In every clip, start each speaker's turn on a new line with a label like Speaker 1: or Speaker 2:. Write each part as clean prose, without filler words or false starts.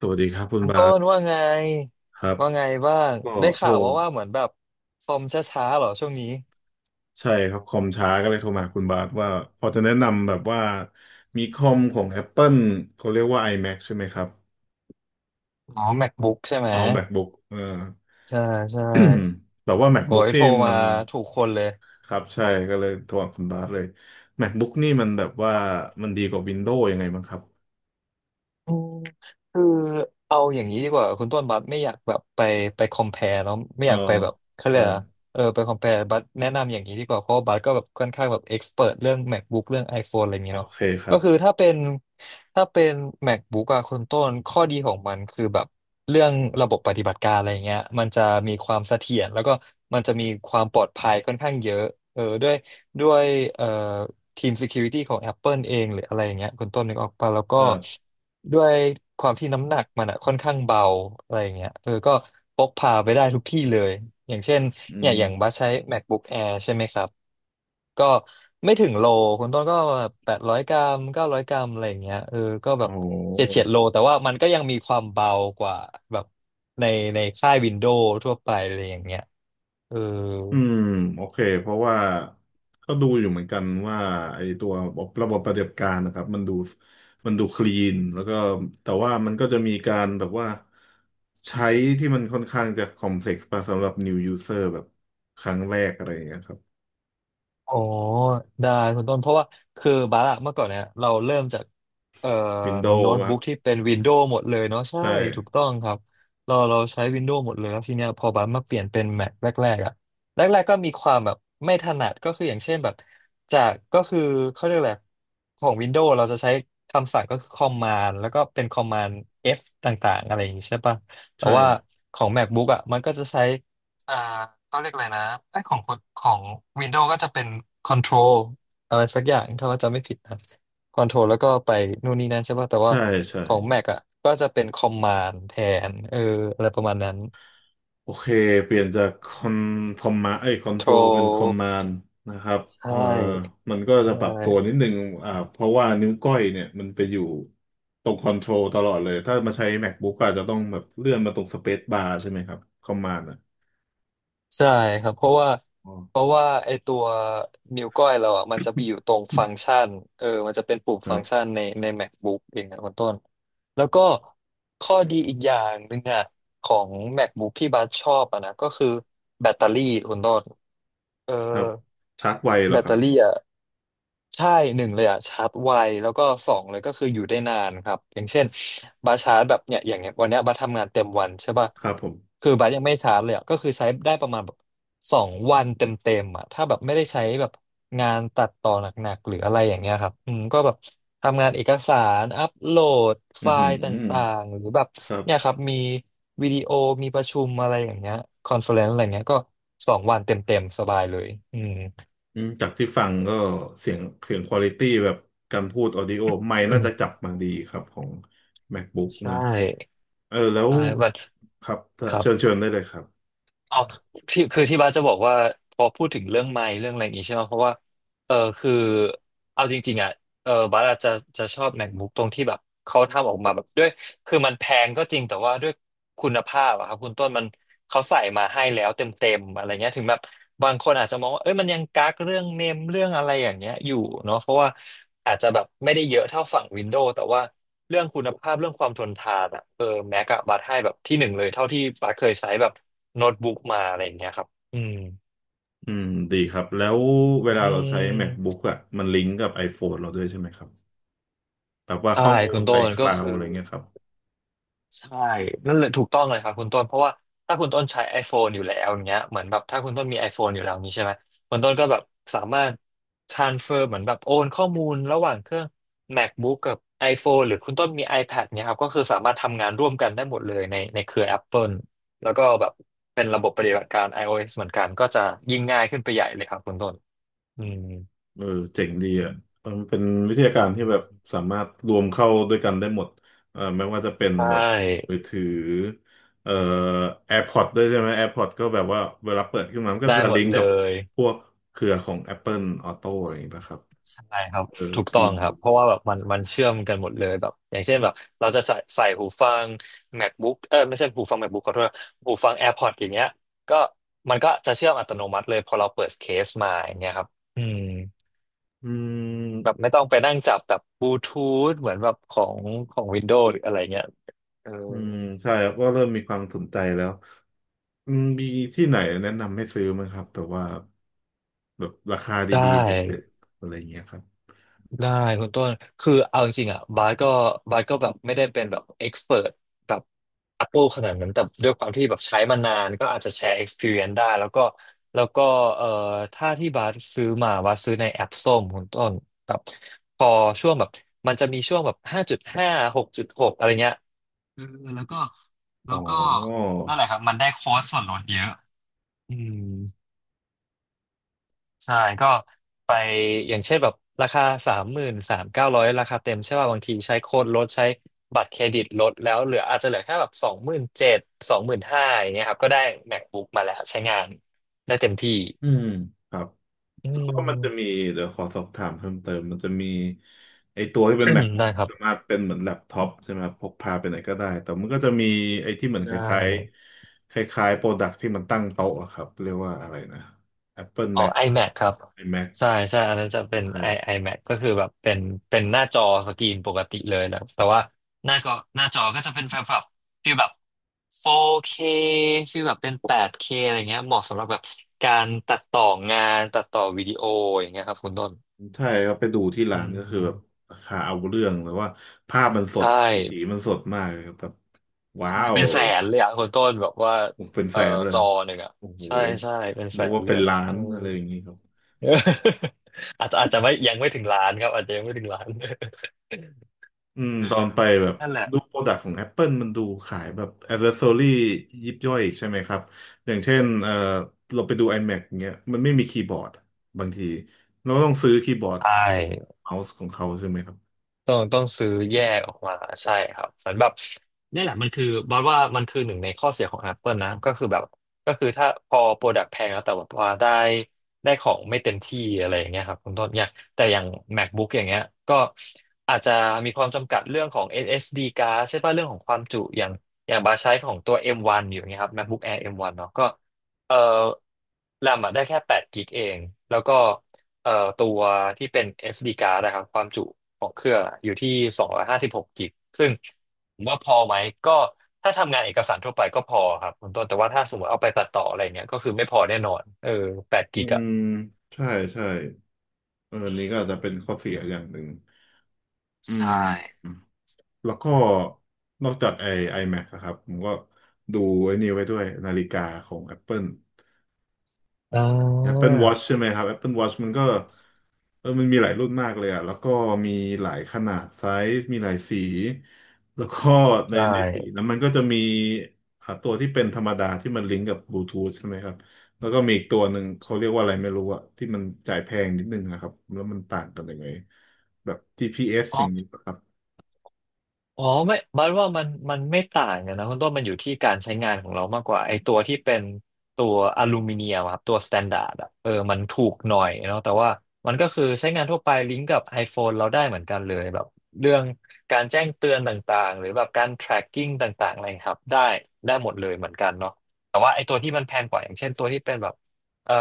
Speaker 1: สวัสดีครับคุณ
Speaker 2: มัน
Speaker 1: บา
Speaker 2: ต้
Speaker 1: ส
Speaker 2: นว่าไง
Speaker 1: ครับ
Speaker 2: ว่าไงบ้าง
Speaker 1: ก็
Speaker 2: ได้
Speaker 1: โทร
Speaker 2: ข่าวว่าเหมือนแบบคอมช้าๆเหรอช่วงนี้
Speaker 1: ใช่ครับคอมช้าก็เลยโทรมาหาคุณบาสว่าพอจะแนะนำแบบว่ามีคอมของ Apple เขาเรียกว่า iMac ใช่ไหมครับ
Speaker 2: อ๋อ MacBook ใช่ไหม
Speaker 1: อ๋อ MacBook เออ
Speaker 2: ใช่ใช่
Speaker 1: แบบว่า
Speaker 2: โอ้
Speaker 1: MacBook
Speaker 2: ยโท
Speaker 1: นี่
Speaker 2: ร
Speaker 1: มั
Speaker 2: มา
Speaker 1: น
Speaker 2: ถูกคนเลย
Speaker 1: ครับใช่ก็เลยโทรหาคุณบาสเลย MacBook นี่มันแบบว่ามันดีกว่า Windows ยังไงบ้างครับ
Speaker 2: อืมคือเอาอย่างนี้ดีกว่าคุณต้นบัสไม่อยากแบบไปคอมเพลเนาะไม่
Speaker 1: เออ
Speaker 2: อยากไปแบบเขา
Speaker 1: เอ
Speaker 2: เรีย
Speaker 1: อ
Speaker 2: กอะไรอะเออไปคอมเพลบัสแนะนำอย่างนี้ดีกว่าเพราะว่าบัสก็แบบค่อนข้างแบบเอ็กซ์เพรเรื่อง MacBook เรื่อง iPhone อะไรอย่าง
Speaker 1: โอ
Speaker 2: นี้เนาะ
Speaker 1: เคครั
Speaker 2: ก็
Speaker 1: บ
Speaker 2: คือถ้าเป็น MacBook อะคุณต้นข้อดีของมันคือแบบเรื่องระบบปฏิบัติการอะไรเงี้ยมันจะมีความเสถียรแล้วก็มันจะมีความปลอดภัยค่อนข้างเยอะเออด้วยเอ่อ ทีม Security ของ Apple เองหรืออะไรอย่างเงี้ยคุณต้นนึกออกปะแล้วก็
Speaker 1: เออ
Speaker 2: ด้วยความที่น้ำหนักมันอะค่อนข้างเบาอะไรอย่างเงี้ยเออก็พกพาไปได้ทุกที่เลยอย่างเช่น
Speaker 1: อื
Speaker 2: เนี่ย
Speaker 1: ม
Speaker 2: อย่างบัสใช้ MacBook Air ใช่ไหมครับก็ไม่ถึงโลคุณต้นก็800 กรัม900 กรัมอะไรอย่างเงี้ยเออก็แบบ
Speaker 1: โอ้
Speaker 2: เฉียดโลแต่ว่ามันก็ยังมีความเบากว่าแบบในในค่ายวินโดว์ทั่วไปอะไรอย่างเงี้ยเออ
Speaker 1: อืมโอเคเพราะว่าก็ดูอยู่เหมือนกันว่าไอ้ตัวระบบปฏิบัติการนะครับมันดูมันดูคลีนแล้วก็แต่ว่ามันก็จะมีการแบบว่าใช้ที่มันค่อนข้างจะคอมเพล็กซ์ไปสำหรับ new user แบบครั้งแรกอะไรอย่างเงี้ยครับ
Speaker 2: อ๋อได้คุณต้นเพราะว่าคือบาร์อะเมื่อก่อนเนี่ยเราเริ่มจากเอ่อ
Speaker 1: Windows
Speaker 2: โน้ต
Speaker 1: ครับ
Speaker 2: บุ๊กที่เป็นวินโดว์หมดเลยเนาะใช่
Speaker 1: ใช่
Speaker 2: ถูกต้องครับเราใช้วินโดว์หมดเลยแล้วทีเนี้ยพอบาร์มาเปลี่ยนเป็น Mac แรกๆอะแรกๆก็มีความแบบไม่ถนัดก็คืออย่างเช่นแบบจากก็คือเขาเรียกแบบของวินโดว์เราจะใช้คำสั่งก็คือคอมมานด์แล้วก็เป็นคอมมานด์ F ต่างๆอะไรอย่างงี้ใช่ปะแต่
Speaker 1: ใช่
Speaker 2: ว่าของ MacBook อะมันก็จะใช้ อ่าเขาเรียกอะไรนะไอ้ของคนของ Windows ก็จะเป็น Control อะไรสักอย่างถ้าว่าจำไม่ผิดนะ Control แล้วก็ไปนู่นนี่นั่นใช่ป่ะแต่ว่า
Speaker 1: ใช่ใช่
Speaker 2: ของ Mac อ่ะก็จะเป็น Command แทนเอออะไรประมาณนั้น
Speaker 1: โอเคเปลี่ยนจากคอนคอมมาไอ้คอนโทรลเป็นคอม
Speaker 2: Control
Speaker 1: มานด์นะครับ
Speaker 2: ใช
Speaker 1: เอ่อ
Speaker 2: ่
Speaker 1: มันก็
Speaker 2: ใช
Speaker 1: จะปรับตัวนิ
Speaker 2: ่
Speaker 1: ดนึงเพราะว่านิ้วก้อยเนี่ยมันไปอยู่ตรงคอนโทรลตลอดเลยถ้ามาใช้ MacBook ก็อาจจะต้องแบบเลื่อนมาตรงสเปซบาร์ใช่ไหมครับคอมมานด์อ่ะ
Speaker 2: ใช่ครับเพราะว่า
Speaker 1: อ๋อ
Speaker 2: เพราะว่าไอตัวนิ้วก้อยเราอ่ะมันจะไปอยู่ตรงฟังก์ชันเออมันจะเป็นปุ่ม
Speaker 1: ค
Speaker 2: ฟั
Speaker 1: รั
Speaker 2: งก์ชัน
Speaker 1: บ
Speaker 2: ใน MacBook เองนะคุณต้นแล้วก็ข้อดีอีกอย่างหนึ่งอ่ะของ MacBook ที่บัสชอบอ่ะนะก็คือแบตเตอรี่คุณต้นเออ
Speaker 1: ครับชาร์จไวเหร
Speaker 2: แบ
Speaker 1: อ
Speaker 2: ต
Speaker 1: ค
Speaker 2: เต
Speaker 1: รับ
Speaker 2: อรี่อ่ะใช่หนึ่งเลยอ่ะชาร์จไวแล้วก็สองเลยก็คืออยู่ได้นานครับอย่างเช่นบาสชาร์จแบบเนี่ยอย่างเงี้ยวันเนี้ยบาสทำงานเต็มวันใช่ป่ะ
Speaker 1: ครับผม
Speaker 2: คือบาสยังไม่ชาร์จเลยอ่ะก็คือใช้ได้ประมาณแบบสองวันเต็มๆอ่ะถ้าแบบไม่ได้ใช้แบบงานตัดต่อหนักๆหรืออะไรอย่างเงี้ยครับอืมก็แบบทำงานเอกสารอัปโหลดไฟ
Speaker 1: อือหือ
Speaker 2: ล์ต่างๆหรือแบบ
Speaker 1: ครับ
Speaker 2: เนี่ยครับมีวิดีโอมีประชุมอะไรอย่างเงี้ยคอนเฟอเรนซ์อะไรเงี้ยก็สองวันเต็มๆสบายเลยอืม
Speaker 1: อืมจากที่ฟังก็เสียงเสียงควอลิตี้แบบการพูดออดิโอไมค์
Speaker 2: อื
Speaker 1: น่าจะ
Speaker 2: ม
Speaker 1: จับมาดีครับของ MacBook
Speaker 2: ใช่
Speaker 1: เนาะเออแล้ว
Speaker 2: ใช่บัด
Speaker 1: ครับ
Speaker 2: ครับ
Speaker 1: เชิญเชิญได้เลยครับ
Speaker 2: เอาที่คือที่บ้านจะบอกว่า พอพูดถึงเรื่องไมค์เรื่องอะไรอย่างงี้ใช่ไหม เพราะว่า เออคือเอาจริงๆ อ่ะเออบ้านอาจจะจะชอบ MacBook ตรงที่แบบเขาทำออกมาแบบด้วย คือมันแพงก็จริงแต่ว่าด้วยคุณภาพอะครับคุณต้นมันเขาใส่มาให้แล้วเต็มอะไรเงี้ยถึงแบบบางคนอาจจะมองว่าเอ้ยมันยังกักเรื่องเนมเรื่องอะไรอย่างเงี้ยอยู่เนาะเพราะว่าอาจจะแบบไม่ได้เยอะเท่าฝั่งวินโดว์แต่ว่าเรื่องคุณภาพเรื่องความทนทานอะเออแม็กอะบัตให้แบบที่หนึ่งเลยเท่าที่บัตเคยใช้แบบโน้ตบุ๊กมาอะไรอย่างเงี้ยครับอืม
Speaker 1: อืมดีครับแล้วเว
Speaker 2: อื
Speaker 1: ลาเราใช้
Speaker 2: ม
Speaker 1: MacBook อะมันลิงก์กับ iPhone เราด้วยใช่ไหมครับแบบว่า
Speaker 2: ใช่
Speaker 1: ข้อมู
Speaker 2: คุ
Speaker 1: ล
Speaker 2: ณ
Speaker 1: อะ
Speaker 2: ต้
Speaker 1: ไร
Speaker 2: น
Speaker 1: ค
Speaker 2: ก็
Speaker 1: ลาว
Speaker 2: คือ
Speaker 1: อะไรเงี้ยครับ
Speaker 2: ใช่นั่นเลยถูกต้องเลยครับคุณต้นเพราะว่าถ้าคุณต้นใช้ iPhone อยู่แล้วอย่างเงี้ยเหมือนแบบถ้าคุณต้นมี iPhone อยู่แล้วนี้ใช่ไหมคุณต้นก็แบบสามารถ transfer เหมือนแบบโอนข้อมูลระหว่างเครื่อง MacBook กับ iPhone หรือคุณต้นมี iPad เนี่ยครับก็คือสามารถทำงานร่วมกันได้หมดเลยในเครือ Apple แล้วก็แบบเป็นระบบปฏิบัติการ iOS เหมือนกันก็จะยิ่งง่ายขึ้นไปใหญ่เลยครับคุณต้นอืม
Speaker 1: เออเจ๋งดีอ่ะเออมันเป็นวิท
Speaker 2: อื
Speaker 1: ยาการที่
Speaker 2: ม
Speaker 1: แบบสามารถรวมเข้าด้วยกันได้หมดเออไม่ว่าจะเป็น
Speaker 2: ใช
Speaker 1: แบบ
Speaker 2: ่
Speaker 1: มือถือเอ่อ AirPods ด้วยใช่ไหม AirPods ก็แบบว่าเวลาเปิดขึ้นมามันก็
Speaker 2: ได้
Speaker 1: จะ
Speaker 2: หม
Speaker 1: ลิ
Speaker 2: ด
Speaker 1: งก์
Speaker 2: เล
Speaker 1: กับ
Speaker 2: ย
Speaker 1: พวกเครือของ Apple Auto อะไรอย่างเงี้ยครับ
Speaker 2: ใช่ครับ
Speaker 1: เออ
Speaker 2: ถูกต้
Speaker 1: ดี
Speaker 2: องครับเพราะว่าแบบมันเชื่อมกันหมดเลยแบบอย่างเช่นแบบเราจะใส่หูฟัง MacBook เออไม่ใช่หูฟัง MacBook ขอโทษหูฟัง AirPods อย่างเงี้ยก็มันก็จะเชื่อมอัตโนมัติเลยพอเราเปิดเคสมาอย่างเงี้ยครับอืม
Speaker 1: อื
Speaker 2: แบบ
Speaker 1: ม
Speaker 2: ไม่ต้องไปนั่งจับแบบบลูทูธเหมือนแบบของ Windows หรืออะไรเงี้ยเออ
Speaker 1: อืมใช่ครับก็เริ่มมีความสนใจแล้วอืมมีที่ไหนแนะนำให้ซื้อไหมครับแบบว่าแบบราคา
Speaker 2: ได้
Speaker 1: ดีๆเด็ดๆอะไรอย่างเงี้ยครับ
Speaker 2: ได้คุณต้นคือเอาจริงๆอ่ะบาสก็แบบไม่ได้เป็นแบบเอ็กซ์เพรแบบ Apple ขนาดนั้นแต่ด้วยความที่แบบใช้มานานก็อาจจะแชร์ experience ได้แล้วก็เอ่อถ้าที่บาสซื้อมาบาสซื้อในแอปส้มคุณต้นแบบพอช่วงแบบมันจะมีช่วงแบบห้าจุดห้าหกจุดหกอะไรเงี้ยเออแล้วก็แล้
Speaker 1: อ๋
Speaker 2: ว
Speaker 1: อ
Speaker 2: ก็นั่นแหละครับมันได้โค้ดส่วนลดเยอะอืม ใช่ ก็ไปอย่างเช่นแบบราคา39,900ราคาเต็มใช่ป่ะบางทีใช้โค้ดลดใช้บัตรเครดิตลดแล้วเหลืออาจจะเหลือแค่แบบ27,00025,000อย่างเงี้ยครับก็ได้ MacBook มาแล้วใช้งานได้เต็มที่
Speaker 1: อืมครับ
Speaker 2: อื
Speaker 1: แล้วก็มันจะมี
Speaker 2: ม
Speaker 1: เดี๋ยวขอสอบถามเพิ่มเติมมันจะมีไอตัวที่เป็น MacBook
Speaker 2: ได้ค
Speaker 1: ที่
Speaker 2: รับ
Speaker 1: สามารถเป็นเหมือนแล็ปท็อปใช่ไหมครับพกพาไปไหนก็ได้แต่มันก็จะมีไอที่เหมือน
Speaker 2: ใช่
Speaker 1: คล้ายๆคล้ายๆโปรดักที่มันตั้งโต๊ะอะครับเรียกว่าอะไรนะ Apple
Speaker 2: อ๋อ
Speaker 1: Mac
Speaker 2: iMac ครับ
Speaker 1: iMac
Speaker 2: ใช่ใช่อันนั้นจะเป็น
Speaker 1: ใช่
Speaker 2: iMac ก็คือแบบเป็นหน้าจอสกรีนปกติเลยนะแต่ว่าหน้าก็หน้าจอก็จะเป็นแบบฟีลแบบ 4K ฟร์เคฟีลแบบเป็น 8K อะไรเงี้ยเหมาะสำหรับแบบการตัดต่องานตัดต่อวิดีโออย่างเงี้ยครับคุณต้น
Speaker 1: ใช่ครับไปดูที่
Speaker 2: อื
Speaker 1: ร้านก็คือแบบ
Speaker 2: ม
Speaker 1: ราคาเอาเรื่องแล้วว่าภาพมันส
Speaker 2: ใช่
Speaker 1: ดสีมันสดมากเลยครับแบบว้า
Speaker 2: ใช่
Speaker 1: ว
Speaker 2: เป็นแสนเลยอะคุณต้นแบบว่า
Speaker 1: เป็นแส
Speaker 2: เอ่อ
Speaker 1: นเล
Speaker 2: จ
Speaker 1: ย
Speaker 2: อหนึ่งอะ
Speaker 1: โอ้โห
Speaker 2: ใช่ใช่เป็นแส
Speaker 1: นึก
Speaker 2: น
Speaker 1: ว่า
Speaker 2: เล
Speaker 1: เป็
Speaker 2: ย
Speaker 1: น
Speaker 2: อะ
Speaker 1: ล้านอะไรอย่างนี้ครับ
Speaker 2: เอออาจจะไม่ยังไม่ถึงล้านครับอาจจะยังไม่ถึงล้าน
Speaker 1: อื
Speaker 2: เอ
Speaker 1: ม
Speaker 2: อ
Speaker 1: ตอนไปแบบ
Speaker 2: นั่นแหละ
Speaker 1: ดูโปรดักต์ของ Apple มันดูขายแบบ a c c e s s o r y ยิบย่อยอีกใช่ไหมครับอย่างเช่นเออเราไปดู iMac อย่างเงี้ยมันไม่มีคีย์บอร์ดอะบางทีเราก็ต้องซื้อคีย์บอร์ด
Speaker 2: ใช่
Speaker 1: เมาส์ของเขาใช่ไหมครับ
Speaker 2: ต้องซื้อแยกออกมาใช่ครับเหมือนแบบเนี่ยแหละมันคือบอสว่ามันคือหนึ่งในข้อเสียของ Apple นะก็คือแบบก็คือถ้าพอโปรดักต์แพงแล้วแต่ว่าได้ของไม่เต็มที่อะไรอย่างเงี้ยครับคุณต้นเนี่ยแต่อย่าง MacBook อย่างเงี้ยก็อาจจะมีความจำกัดเรื่องของ SSD card ใช่ป่ะเรื่องของความจุอย่างบาสใช้ของตัว M1 อมวันอยู่เงี้ยครับ MacBook Air M1 เนาะก็เอ่อแรมอะได้แค่8กิกะเองแล้วก็เอ่อตัวที่เป็น SD card นะครับความจุ ของเครื่องอะอยู่ที่256กิกซึ่งผมว่าพอไหมก็ถ้าทำงานเอกสารทั่วไปก็พอครับคุณต้นแต่ว่าถ้าสมมติเอาไปตัดต่ออะไรเงี้ยก็คือไม่พอแน่นอนแปด
Speaker 1: อื
Speaker 2: กิกอะ
Speaker 1: มใช่ใช่เออ
Speaker 2: อื
Speaker 1: อันนี้ก็อาจจะเป็น
Speaker 2: ม
Speaker 1: ข้อเสียอย่างหนึ่งอื
Speaker 2: ใช่
Speaker 1: มแล้วก็
Speaker 2: อืม
Speaker 1: นอกจากไอ้ iMac อะครับผมก็ดูไอ้นี่ไว้ด้วยนาฬิกาของ Apple
Speaker 2: อ่า
Speaker 1: Apple Watch ใช่ไหมครับ Apple Watch มันก็เออมันมีหลายรุ่นมากเลยอะแล้วก็มีหลายขนาดไซส์มีหลายสีแล้วก็ใน
Speaker 2: ใช่
Speaker 1: ในสีนั้นมันก็จะมีตัวที่เป็นธรรมดาที่มันลิงก์กับบลูทูธใช่ไหมครับแล้วก็มีอีกตัวหนึ่งเขาเรียกว่าอะไรไม่รู้อะที่มันจ่ายแพงนิดนึงนะครับแล้วมันต่างกันยังไงแบบ GPS อส
Speaker 2: อ๋
Speaker 1: อย่างนี้
Speaker 2: อ
Speaker 1: ปะครับ
Speaker 2: อ๋อไม่บัดว่ามันไม่ต่างกันนะคุณต้นมันอยู่ที่การใช้งานของเรามากกว่าไอตัวที่เป็นตัวอลูมิเนียมอะครับตัวสแตนดาร์ดอะมันถูกหน่อยเนาะแต่ว่ามันก็คือใช้งานทั่วไปลิงก์กับ iPhone เราได้เหมือนกันเลยแบบเรื่องการแจ้งเตือนต่างๆหรือแบบการ tracking ต่างๆอะไรครับได้หมดเลยเหมือนกันเนาะแต่ว่าไอตัวที่มันแพงกว่าอย่างเช่นตัวที่เป็นแบบเอ่อ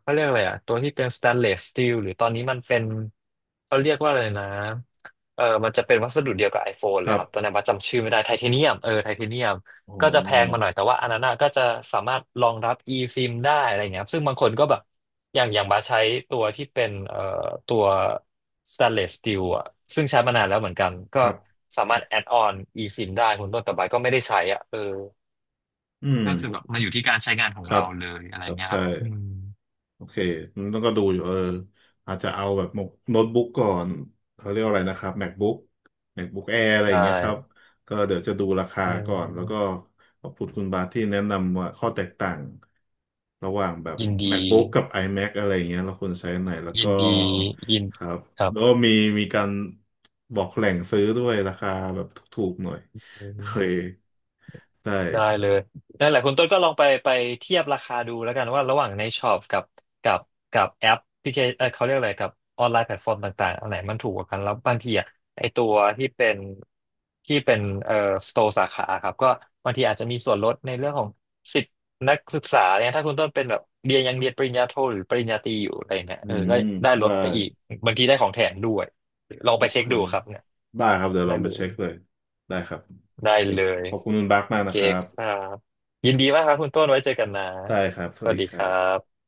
Speaker 2: เขาเรียกอะไรอะตัวที่เป็นสแตนเลสสตีลหรือตอนนี้มันเป็นเขาเรียกว่าอะไรนะ มันจะเป็นวัสดุเดียวกับ iPhone เล
Speaker 1: ค
Speaker 2: ย
Speaker 1: รั
Speaker 2: ค
Speaker 1: บ
Speaker 2: รับตัวนั้นว่าจำชื่อไม่ได้ไทเทเนียมไทเทเนียม
Speaker 1: อ๋
Speaker 2: ก็จะแพงมาหน่
Speaker 1: อ
Speaker 2: อยแต่ว่าอันนั้นอะก็จะสามารถรองรับ eSIM ได้อะไรเงี้ยครับซึ่งบางคนก็แบบ อย่างบาสใช้ตัวที่เป็นตัว stainless steel อะซึ่งใช้มานานแล้วเหมือนกัน ก็
Speaker 1: ครับ
Speaker 2: สามารถ add on eSIM ได้คุณต้นแต่บาสก็ไม่ได้ใช้อ่ะ
Speaker 1: อืม
Speaker 2: ก็คือแบบมันอยู่ที่การใช้งานขอ
Speaker 1: ค
Speaker 2: ง
Speaker 1: รั
Speaker 2: เรา
Speaker 1: บ
Speaker 2: เลยอะไร
Speaker 1: ครับ
Speaker 2: เงี้ยค
Speaker 1: ใช่
Speaker 2: รับอืม
Speaker 1: โอเค ต้องก็ดูอยู่เอออาจจะเอาแบบโน้ตบุ๊กก่อนเขาเรียกว่าอะไรนะครับ MacBook MacBook Air อะไรอ
Speaker 2: ใช่
Speaker 1: ย่างเงี้ยครับ ก็เดี๋ยวจะดูราคา
Speaker 2: เอ
Speaker 1: ก่อนแล้วก็
Speaker 2: อ
Speaker 1: ขอบคุณคุณบาทที่แนะนำว่าข้อแตกต่างระหว่างแบบ
Speaker 2: ยินดี
Speaker 1: MacBook กับ iMac อะไรอย่างเงี้ยเราควรใช้อันไหน แล้ว
Speaker 2: ยิ
Speaker 1: ก็
Speaker 2: นดียิน
Speaker 1: ครับ
Speaker 2: ครับ
Speaker 1: แล้วก็มีมีการบอกแหล่งซื้อด้วยราคาแบบถูกๆหน่อยโอเคได้
Speaker 2: ได้เลยนั่นแหละคุณต้นก็ลองไปเทียบราคาดูแล้วกันว่าระหว่างในช็อปกับกับกับแอปพลิเคเขาเรียกอะไรกับออนไลน์แพลตฟอร์มต่างๆอันไหนมันถูกกว่ากันแล้วบางทีอ่ะไอตัวที่เป็นที่เป็นสโตร์สาขาครับก็บางทีอาจจะมีส่วนลดในเรื่องของสิทธินักศึกษาเนี่ยถ้าคุณต้นเป็นแบบเรียนยังเรียนปริญญาโทหรือปริญญาตรีอยู่อะไรเนี่ย
Speaker 1: อืม
Speaker 2: ก็ได้ล
Speaker 1: ได้
Speaker 2: ดไปอีกบางทีได้ของแถมด้วยลอง
Speaker 1: โอ
Speaker 2: ไปเช็
Speaker 1: เค
Speaker 2: คดูครับเนี่ย
Speaker 1: ได้ครับเดี๋ยวล
Speaker 2: ได้
Speaker 1: องไป
Speaker 2: เล
Speaker 1: เช็
Speaker 2: ย
Speaker 1: คเลยได้ครับโอ
Speaker 2: ได้
Speaker 1: เค
Speaker 2: เลย
Speaker 1: ขอบคุณคุณบักมา
Speaker 2: โอ
Speaker 1: ก
Speaker 2: เค
Speaker 1: นะครับ
Speaker 2: ครับ ยินดีมากครับคุณต้นไว้เจอกันนะ
Speaker 1: ได้ครับส
Speaker 2: ส
Speaker 1: วัส
Speaker 2: วัส
Speaker 1: ดี
Speaker 2: ดี
Speaker 1: ค
Speaker 2: ค
Speaker 1: รั
Speaker 2: รั
Speaker 1: บ
Speaker 2: บ